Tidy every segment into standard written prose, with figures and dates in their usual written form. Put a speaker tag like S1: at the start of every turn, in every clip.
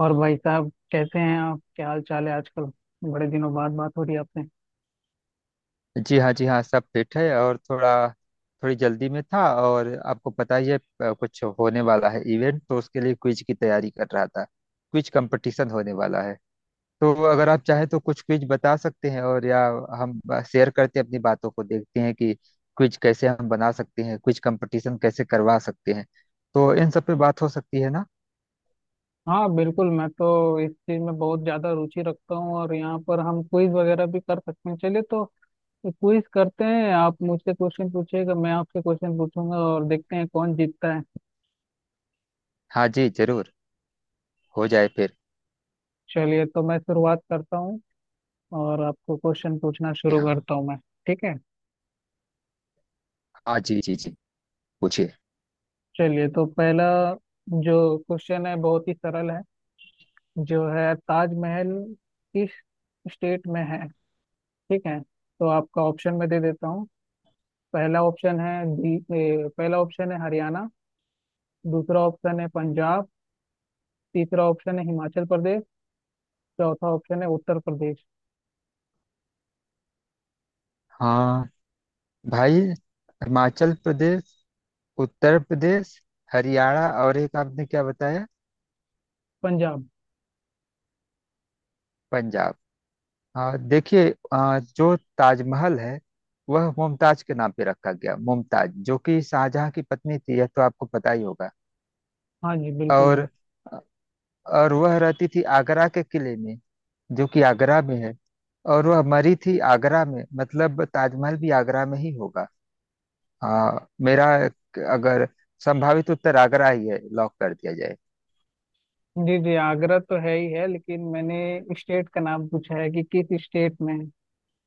S1: और भाई साहब कैसे हैं आप? क्या हाल चाल है आजकल? बड़े दिनों बाद बात हो रही है आपसे।
S2: जी हाँ जी हाँ, सब फिट है। और थोड़ा थोड़ी जल्दी में था। और आपको पता ही है, कुछ होने वाला है इवेंट। तो उसके लिए क्विज की तैयारी कर रहा था। क्विज कंपटीशन होने वाला है। तो अगर आप चाहें तो कुछ क्विज बता सकते हैं, और या हम शेयर करते हैं अपनी बातों को। देखते हैं कि क्विज कैसे हम बना सकते हैं, क्विज कंपटीशन कैसे करवा सकते हैं। तो इन सब पे बात हो सकती है ना।
S1: हाँ बिल्कुल, मैं तो इस चीज में बहुत ज्यादा रुचि रखता हूँ और यहाँ पर हम क्विज वगैरह भी कर सकते हैं। चलिए तो क्विज करते हैं। आप मुझसे क्वेश्चन पूछिएगा, मैं आपसे क्वेश्चन पूछूंगा और देखते हैं कौन जीतता है।
S2: हाँ जी जरूर, हो जाए फिर।
S1: चलिए तो मैं शुरुआत करता हूँ और आपको क्वेश्चन पूछना
S2: जी
S1: शुरू
S2: हाँ।
S1: करता हूँ मैं। ठीक है।
S2: हाँ जी जी जी, पूछिए।
S1: चलिए तो पहला जो क्वेश्चन है बहुत ही सरल है। जो है ताजमहल किस स्टेट में है? ठीक है, तो आपका ऑप्शन मैं दे देता हूँ। पहला ऑप्शन है दी, ए, पहला ऑप्शन है हरियाणा। दूसरा ऑप्शन है पंजाब। तीसरा ऑप्शन है हिमाचल प्रदेश। चौथा ऑप्शन है उत्तर प्रदेश।
S2: हाँ भाई, हिमाचल प्रदेश, उत्तर प्रदेश, हरियाणा, और एक आपने क्या बताया?
S1: पंजाब।
S2: पंजाब। हाँ देखिए, जो ताजमहल है वह मुमताज के नाम पे रखा गया। मुमताज जो कि शाहजहां की पत्नी थी, यह तो आपको पता ही होगा।
S1: हाँ जी बिल्कुल बिल्कुल।
S2: और और वह रहती थी आगरा के किले में, जो कि आगरा में है। और वह मरी थी आगरा में, मतलब ताजमहल भी आगरा में ही होगा। हाँ, मेरा अगर संभावित उत्तर आगरा ही है, लॉक कर दिया जाए।
S1: जी जी, आगरा तो है ही है, लेकिन मैंने स्टेट का नाम पूछा है कि किस स्टेट में है,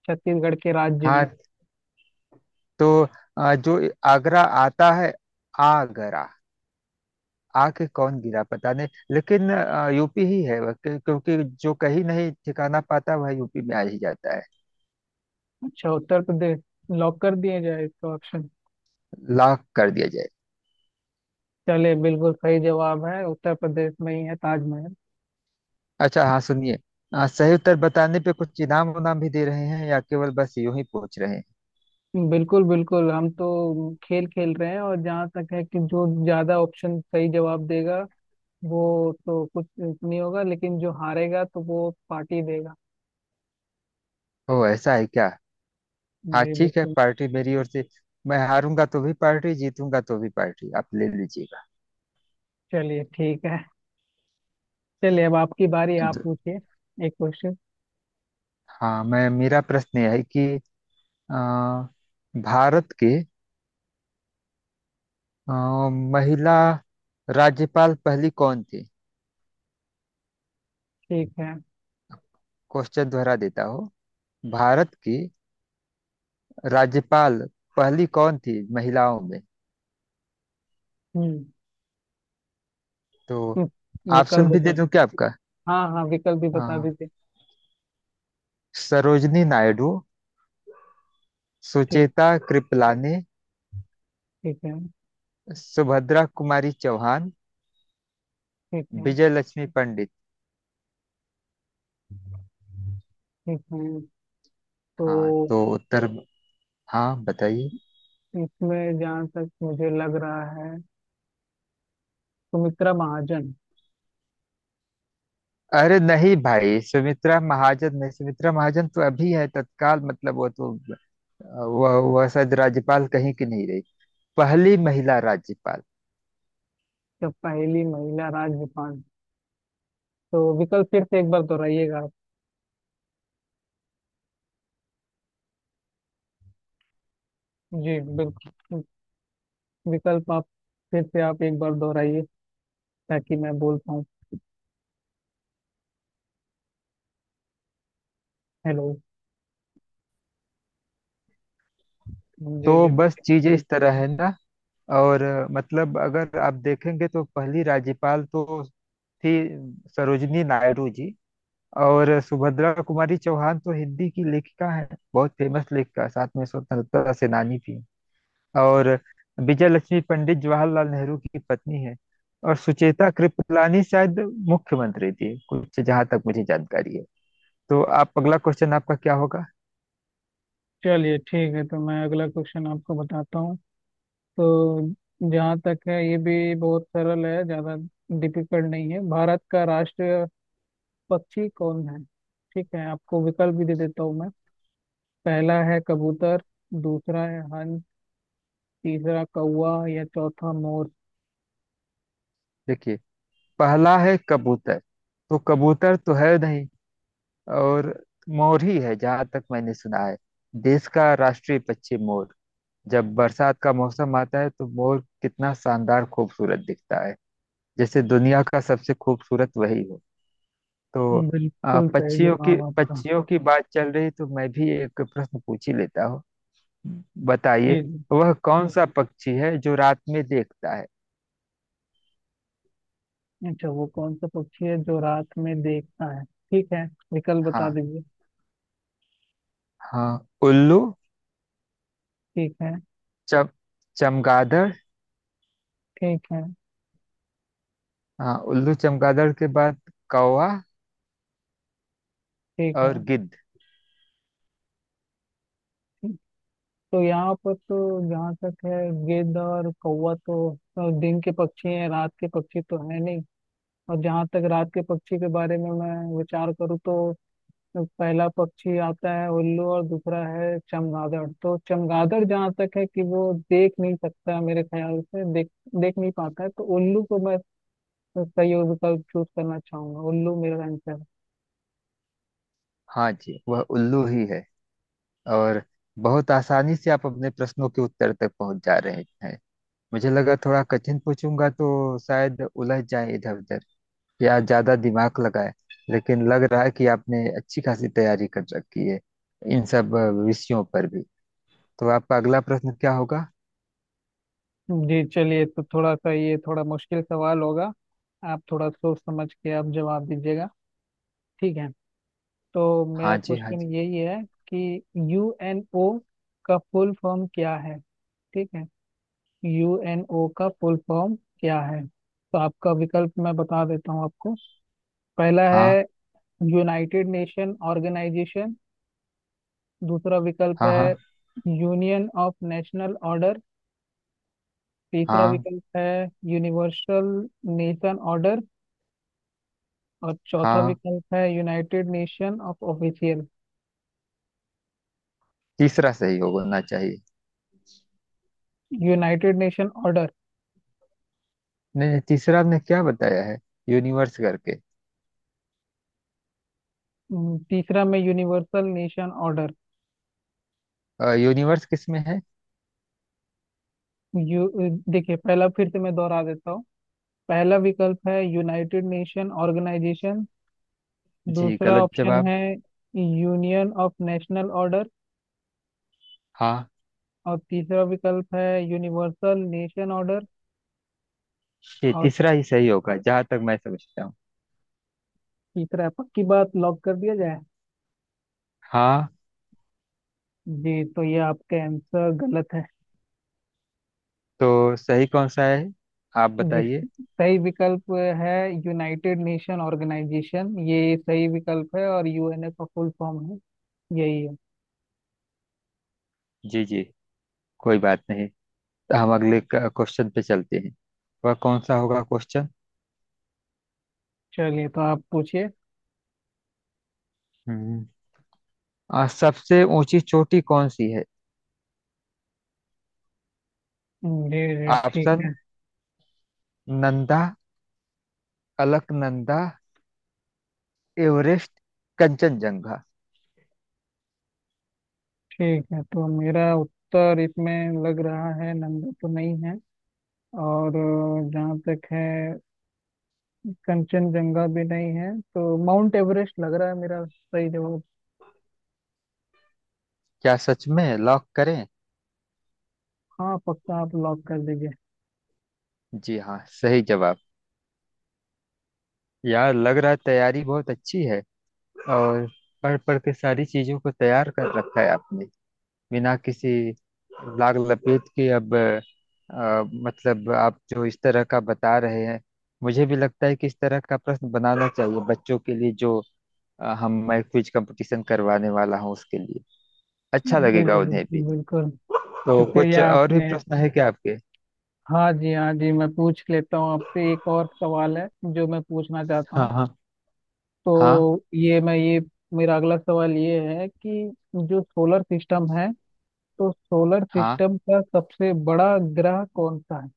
S1: छत्तीसगढ़ के राज्य में।
S2: हाँ, तो जो आगरा आता है, आगरा आके कौन गिरा पता नहीं, लेकिन यूपी ही है वह। क्योंकि जो कहीं नहीं ठिकाना पाता वह यूपी में आ ही जाता है।
S1: अच्छा उत्तर प्रदेश, लॉक कर दिया जाए इसका ऑप्शन।
S2: लॉक कर दिया जाए।
S1: चलिए बिल्कुल सही जवाब है, उत्तर प्रदेश में ही है ताजमहल।
S2: अच्छा, हाँ सुनिए, सही उत्तर बताने पे कुछ इनाम उनाम भी दे रहे हैं, या केवल बस यूं ही पूछ रहे हैं?
S1: बिल्कुल बिल्कुल, हम तो खेल खेल रहे हैं, और जहाँ तक है कि जो ज्यादा ऑप्शन सही जवाब देगा वो तो कुछ नहीं होगा, लेकिन जो हारेगा तो वो पार्टी देगा।
S2: ओ ऐसा है क्या? हाँ
S1: जी
S2: ठीक है,
S1: बिल्कुल।
S2: पार्टी मेरी ओर से। मैं हारूंगा तो भी पार्टी, जीतूंगा तो भी पार्टी, आप ले लीजिएगा।
S1: चलिए ठीक है। चलिए अब आपकी बारी, आप
S2: द-
S1: पूछिए एक क्वेश्चन।
S2: हाँ, मैं मेरा प्रश्न यह है कि अ, भारत के अ, महिला राज्यपाल पहली कौन थी?
S1: ठीक है।
S2: क्वेश्चन दोहरा देता हूँ। भारत की राज्यपाल पहली कौन थी महिलाओं में?
S1: हम्म।
S2: तो
S1: विकल्प
S2: ऑप्शन भी दे
S1: बता।
S2: दूं क्या आपका?
S1: हाँ हाँ, विकल्प भी बता
S2: हाँ,
S1: दीजिए।
S2: सरोजनी नायडू,
S1: ठीक
S2: सुचेता कृपलानी,
S1: ठीक है।
S2: सुभद्रा कुमारी चौहान,
S1: ठीक है।
S2: विजय लक्ष्मी पंडित।
S1: ठीक है। तो
S2: हाँ तो उत्तर, हाँ बताइए।
S1: इसमें जहाँ तक मुझे लग रहा है, सुमित्रा महाजन।
S2: अरे नहीं भाई, सुमित्रा महाजन नहीं। सुमित्रा महाजन तो अभी है तत्काल, मतलब वो तो वह शायद राज्यपाल कहीं की नहीं रही। पहली महिला राज्यपाल।
S1: जब पहली महिला राज्यपाल, तो विकल्प फिर से एक बार दोहराइएगा आप। जी बिल्कुल, विकल्प आप फिर से आप एक बार दोहराइए ताकि मैं बोल पाऊँ। हेलो। जी
S2: तो
S1: जी,
S2: बस
S1: बोलिए।
S2: चीजें इस तरह है ना। और मतलब अगर आप देखेंगे तो पहली राज्यपाल तो थी सरोजनी नायडू जी। और सुभद्रा कुमारी चौहान तो हिंदी की लेखिका है, बहुत फेमस लेखिका, साथ में स्वतंत्रता सेनानी थी। और विजय लक्ष्मी पंडित जवाहरलाल नेहरू की पत्नी है। और सुचेता कृपलानी शायद मुख्यमंत्री थी कुछ, जहां तक मुझे जानकारी है। तो आप अगला क्वेश्चन, आपका क्या होगा?
S1: चलिए ठीक है, तो मैं अगला क्वेश्चन आपको बताता हूँ। तो जहाँ तक है ये भी बहुत सरल है, ज़्यादा डिफिकल्ट नहीं है। भारत का राष्ट्रीय पक्षी कौन है? ठीक है, आपको विकल्प भी दे देता हूँ मैं। पहला है कबूतर। दूसरा है हंस। तीसरा कौवा या चौथा मोर।
S2: देखिए, पहला है कबूतर, तो कबूतर तो है नहीं। और मोर ही है जहां तक मैंने सुना है, देश का राष्ट्रीय पक्षी मोर। जब बरसात का मौसम आता है तो मोर कितना शानदार खूबसूरत दिखता है, जैसे दुनिया का सबसे खूबसूरत वही हो। तो
S1: बिल्कुल सही
S2: पक्षियों की
S1: जवाब आपका।
S2: पक्षियों की बात चल रही, तो मैं भी एक प्रश्न पूछ ही लेता हूँ। बताइए,
S1: जी।
S2: वह कौन सा पक्षी है जो रात में देखता है?
S1: अच्छा वो कौन सा पक्षी है जो रात में देखता है? ठीक है, विकल्प बता
S2: हाँ।
S1: दीजिए।
S2: हाँ, उल्लू।
S1: ठीक है।
S2: चम चमगादड़।
S1: ठीक है।
S2: हाँ, उल्लू, चमगादड़ के बाद कौवा।
S1: ठीक है।
S2: और गिद्ध।
S1: ठीक। तो यहाँ पर तो जहाँ तक है, गिद्ध और कौवा तो दिन के पक्षी हैं, रात के पक्षी तो है नहीं। और जहाँ तक रात के पक्षी के बारे में मैं विचार करूँ तो पहला पक्षी आता है उल्लू और दूसरा है चमगादड़। तो चमगादड़ जहाँ तक है कि वो देख नहीं सकता है मेरे ख्याल से, देख देख नहीं पाता है, तो उल्लू को मैं तो सही विकल्प चूज करना चाहूंगा। उल्लू मेरा आंसर
S2: हाँ जी, वह उल्लू ही है। और बहुत आसानी से आप अपने प्रश्नों के उत्तर तक पहुंच जा रहे हैं। मुझे लगा थोड़ा कठिन पूछूंगा तो शायद उलझ जाए इधर उधर, या ज्यादा दिमाग लगाए, लेकिन लग रहा है कि आपने अच्छी खासी तैयारी कर रखी है इन सब विषयों पर भी। तो आपका अगला प्रश्न क्या होगा?
S1: है। जी चलिए तो थोड़ा सा ये थोड़ा मुश्किल सवाल होगा, आप थोड़ा सोच समझ के आप जवाब दीजिएगा। ठीक है, तो
S2: हाँ
S1: मेरा
S2: जी हाँ
S1: क्वेश्चन
S2: जी।
S1: यही है कि यूएनओ का फुल फॉर्म क्या है? ठीक है, यूएनओ का फुल फॉर्म क्या है, तो आपका विकल्प मैं बता देता हूँ आपको। पहला
S2: हाँ
S1: है यूनाइटेड नेशन ऑर्गेनाइजेशन। दूसरा विकल्प
S2: हाँ।
S1: है
S2: हाँ।
S1: Union of national order. तीसरा
S2: हाँ
S1: विकल्प है यूनिवर्सल नेशन ऑर्डर। और चौथा
S2: हाँ।
S1: विकल्प है यूनाइटेड नेशन ऑफ ऑफिशियल।
S2: तीसरा सही होना चाहिए।
S1: United nation order.
S2: नहीं नहीं, तीसरा आपने क्या बताया है? यूनिवर्स करके।
S1: तीसरा में यूनिवर्सल नेशन ऑर्डर।
S2: यूनिवर्स किसमें है?
S1: यू, देखिए पहला फिर से मैं दोहरा देता हूँ। पहला विकल्प है यूनाइटेड नेशन ऑर्गेनाइजेशन।
S2: जी
S1: दूसरा
S2: गलत
S1: ऑप्शन
S2: जवाब।
S1: है यूनियन ऑफ नेशनल ऑर्डर।
S2: हाँ,
S1: और तीसरा विकल्प है यूनिवर्सल नेशन ऑर्डर।
S2: ये
S1: और
S2: तीसरा ही सही होगा, जहां तक मैं समझता हूँ।
S1: तीसरा है, पक्की बात, लॉक कर दिया जाए।
S2: हाँ।
S1: जी तो ये आपका आंसर गलत है।
S2: तो सही कौन सा है? आप
S1: जिस
S2: बताइए।
S1: सही विकल्प है यूनाइटेड नेशन ऑर्गेनाइजेशन, ये सही विकल्प है और यूएनए का फुल फॉर्म है, यही है।
S2: जी जी, कोई बात नहीं। तो हम अगले क्वेश्चन पे चलते हैं। वह कौन सा होगा क्वेश्चन?
S1: चलिए तो आप पूछिए।
S2: हम्म। सबसे ऊंची चोटी कौन सी है?
S1: जी जी ठीक
S2: ऑप्शन:
S1: है।
S2: नंदा, अलकनंदा, एवरेस्ट, कंचनजंगा।
S1: ठीक है, तो मेरा उत्तर इसमें लग रहा है नंदा तो नहीं है, और जहाँ तक है कंचनजंगा भी नहीं है, तो माउंट एवरेस्ट लग रहा है मेरा सही जवाब।
S2: क्या सच में लॉक करें?
S1: हाँ पक्का, आप लॉक कर दीजिए।
S2: जी हाँ, सही जवाब। यार, लग रहा है तैयारी बहुत अच्छी है। और पढ़ पढ़ के सारी चीजों को तैयार कर रखा है आपने, बिना किसी लाग लपेट के। अब मतलब आप जो इस तरह का बता रहे हैं, मुझे भी लगता है कि इस तरह का प्रश्न बनाना चाहिए बच्चों के लिए, जो हम मैं क्विज कंपटीशन करवाने वाला हूँ उसके लिए।
S1: जी
S2: अच्छा लगेगा
S1: जी बिल्कुल
S2: उन्हें भी।
S1: बिल्कुल।
S2: तो कुछ
S1: शुक्रिया
S2: और भी
S1: आपने।
S2: प्रश्न है क्या आपके?
S1: हाँ जी हाँ जी, मैं पूछ लेता हूँ आपसे। एक और सवाल है जो मैं पूछना चाहता
S2: हाँ
S1: हूँ।
S2: हाँ। हाँ।
S1: तो ये मैं ये मेरा अगला सवाल ये है कि जो सोलर सिस्टम है, तो सोलर
S2: हाँ।
S1: सिस्टम का सबसे बड़ा ग्रह कौन सा है?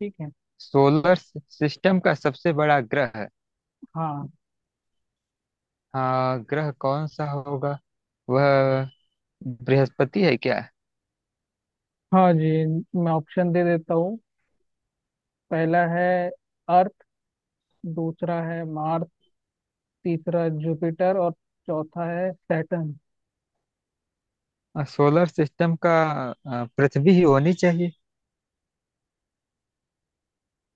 S1: ठीक है।
S2: सोलर सिस्टम का सबसे बड़ा ग्रह।
S1: हाँ।
S2: हाँ, ग्रह कौन सा होगा? वह बृहस्पति है क्या?
S1: हाँ जी, मैं ऑप्शन दे देता हूँ। पहला है अर्थ। दूसरा है मार्स। तीसरा जुपिटर। और चौथा है सैटर्न।
S2: सोलर सिस्टम का पृथ्वी ही होनी चाहिए।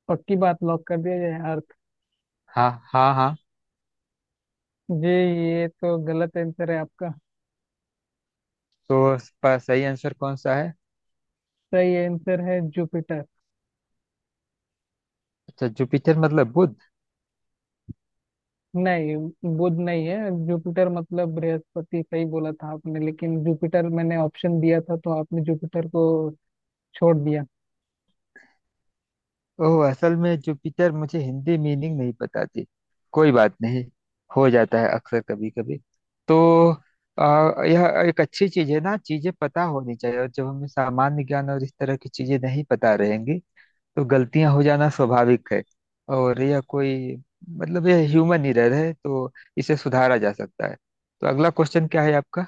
S1: पक्की बात, लॉक कर दिया जाए अर्थ।
S2: हाँ हाँ हाँ।
S1: जी ये तो गलत आंसर है आपका।
S2: तो इसका सही आंसर कौन सा है?
S1: सही आंसर है जुपिटर।
S2: अच्छा, जुपिटर मतलब बुध।
S1: नहीं, बुध नहीं है, जुपिटर मतलब बृहस्पति सही बोला था आपने, लेकिन जुपिटर मैंने ऑप्शन दिया था तो आपने जुपिटर को छोड़ दिया।
S2: ओह, असल में जुपिटर मुझे हिंदी मीनिंग नहीं पता थी। कोई बात नहीं, हो जाता है अक्सर कभी कभी। तो यह एक अच्छी चीज है ना, चीजें पता होनी चाहिए। और जब हमें सामान्य ज्ञान और इस तरह की चीजें नहीं पता रहेंगी, तो गलतियां हो जाना स्वाभाविक है। और यह कोई मतलब यह ह्यूमन एरर है, तो इसे सुधारा जा सकता है। तो अगला क्वेश्चन क्या है आपका?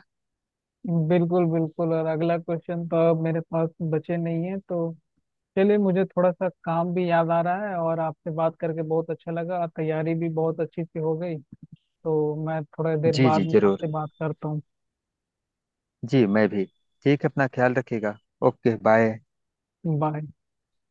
S1: बिल्कुल बिल्कुल, और अगला क्वेश्चन तो अब मेरे पास बचे नहीं है, तो चलिए, मुझे थोड़ा सा काम भी याद आ रहा है। और आपसे बात करके बहुत अच्छा लगा और तैयारी भी बहुत अच्छी से हो गई, तो मैं थोड़ा देर
S2: जी
S1: बाद
S2: जी
S1: में आपसे
S2: जरूर।
S1: बात करता हूँ।
S2: जी, मैं भी ठीक है, अपना ख्याल रखिएगा। Okay bye.
S1: बाय।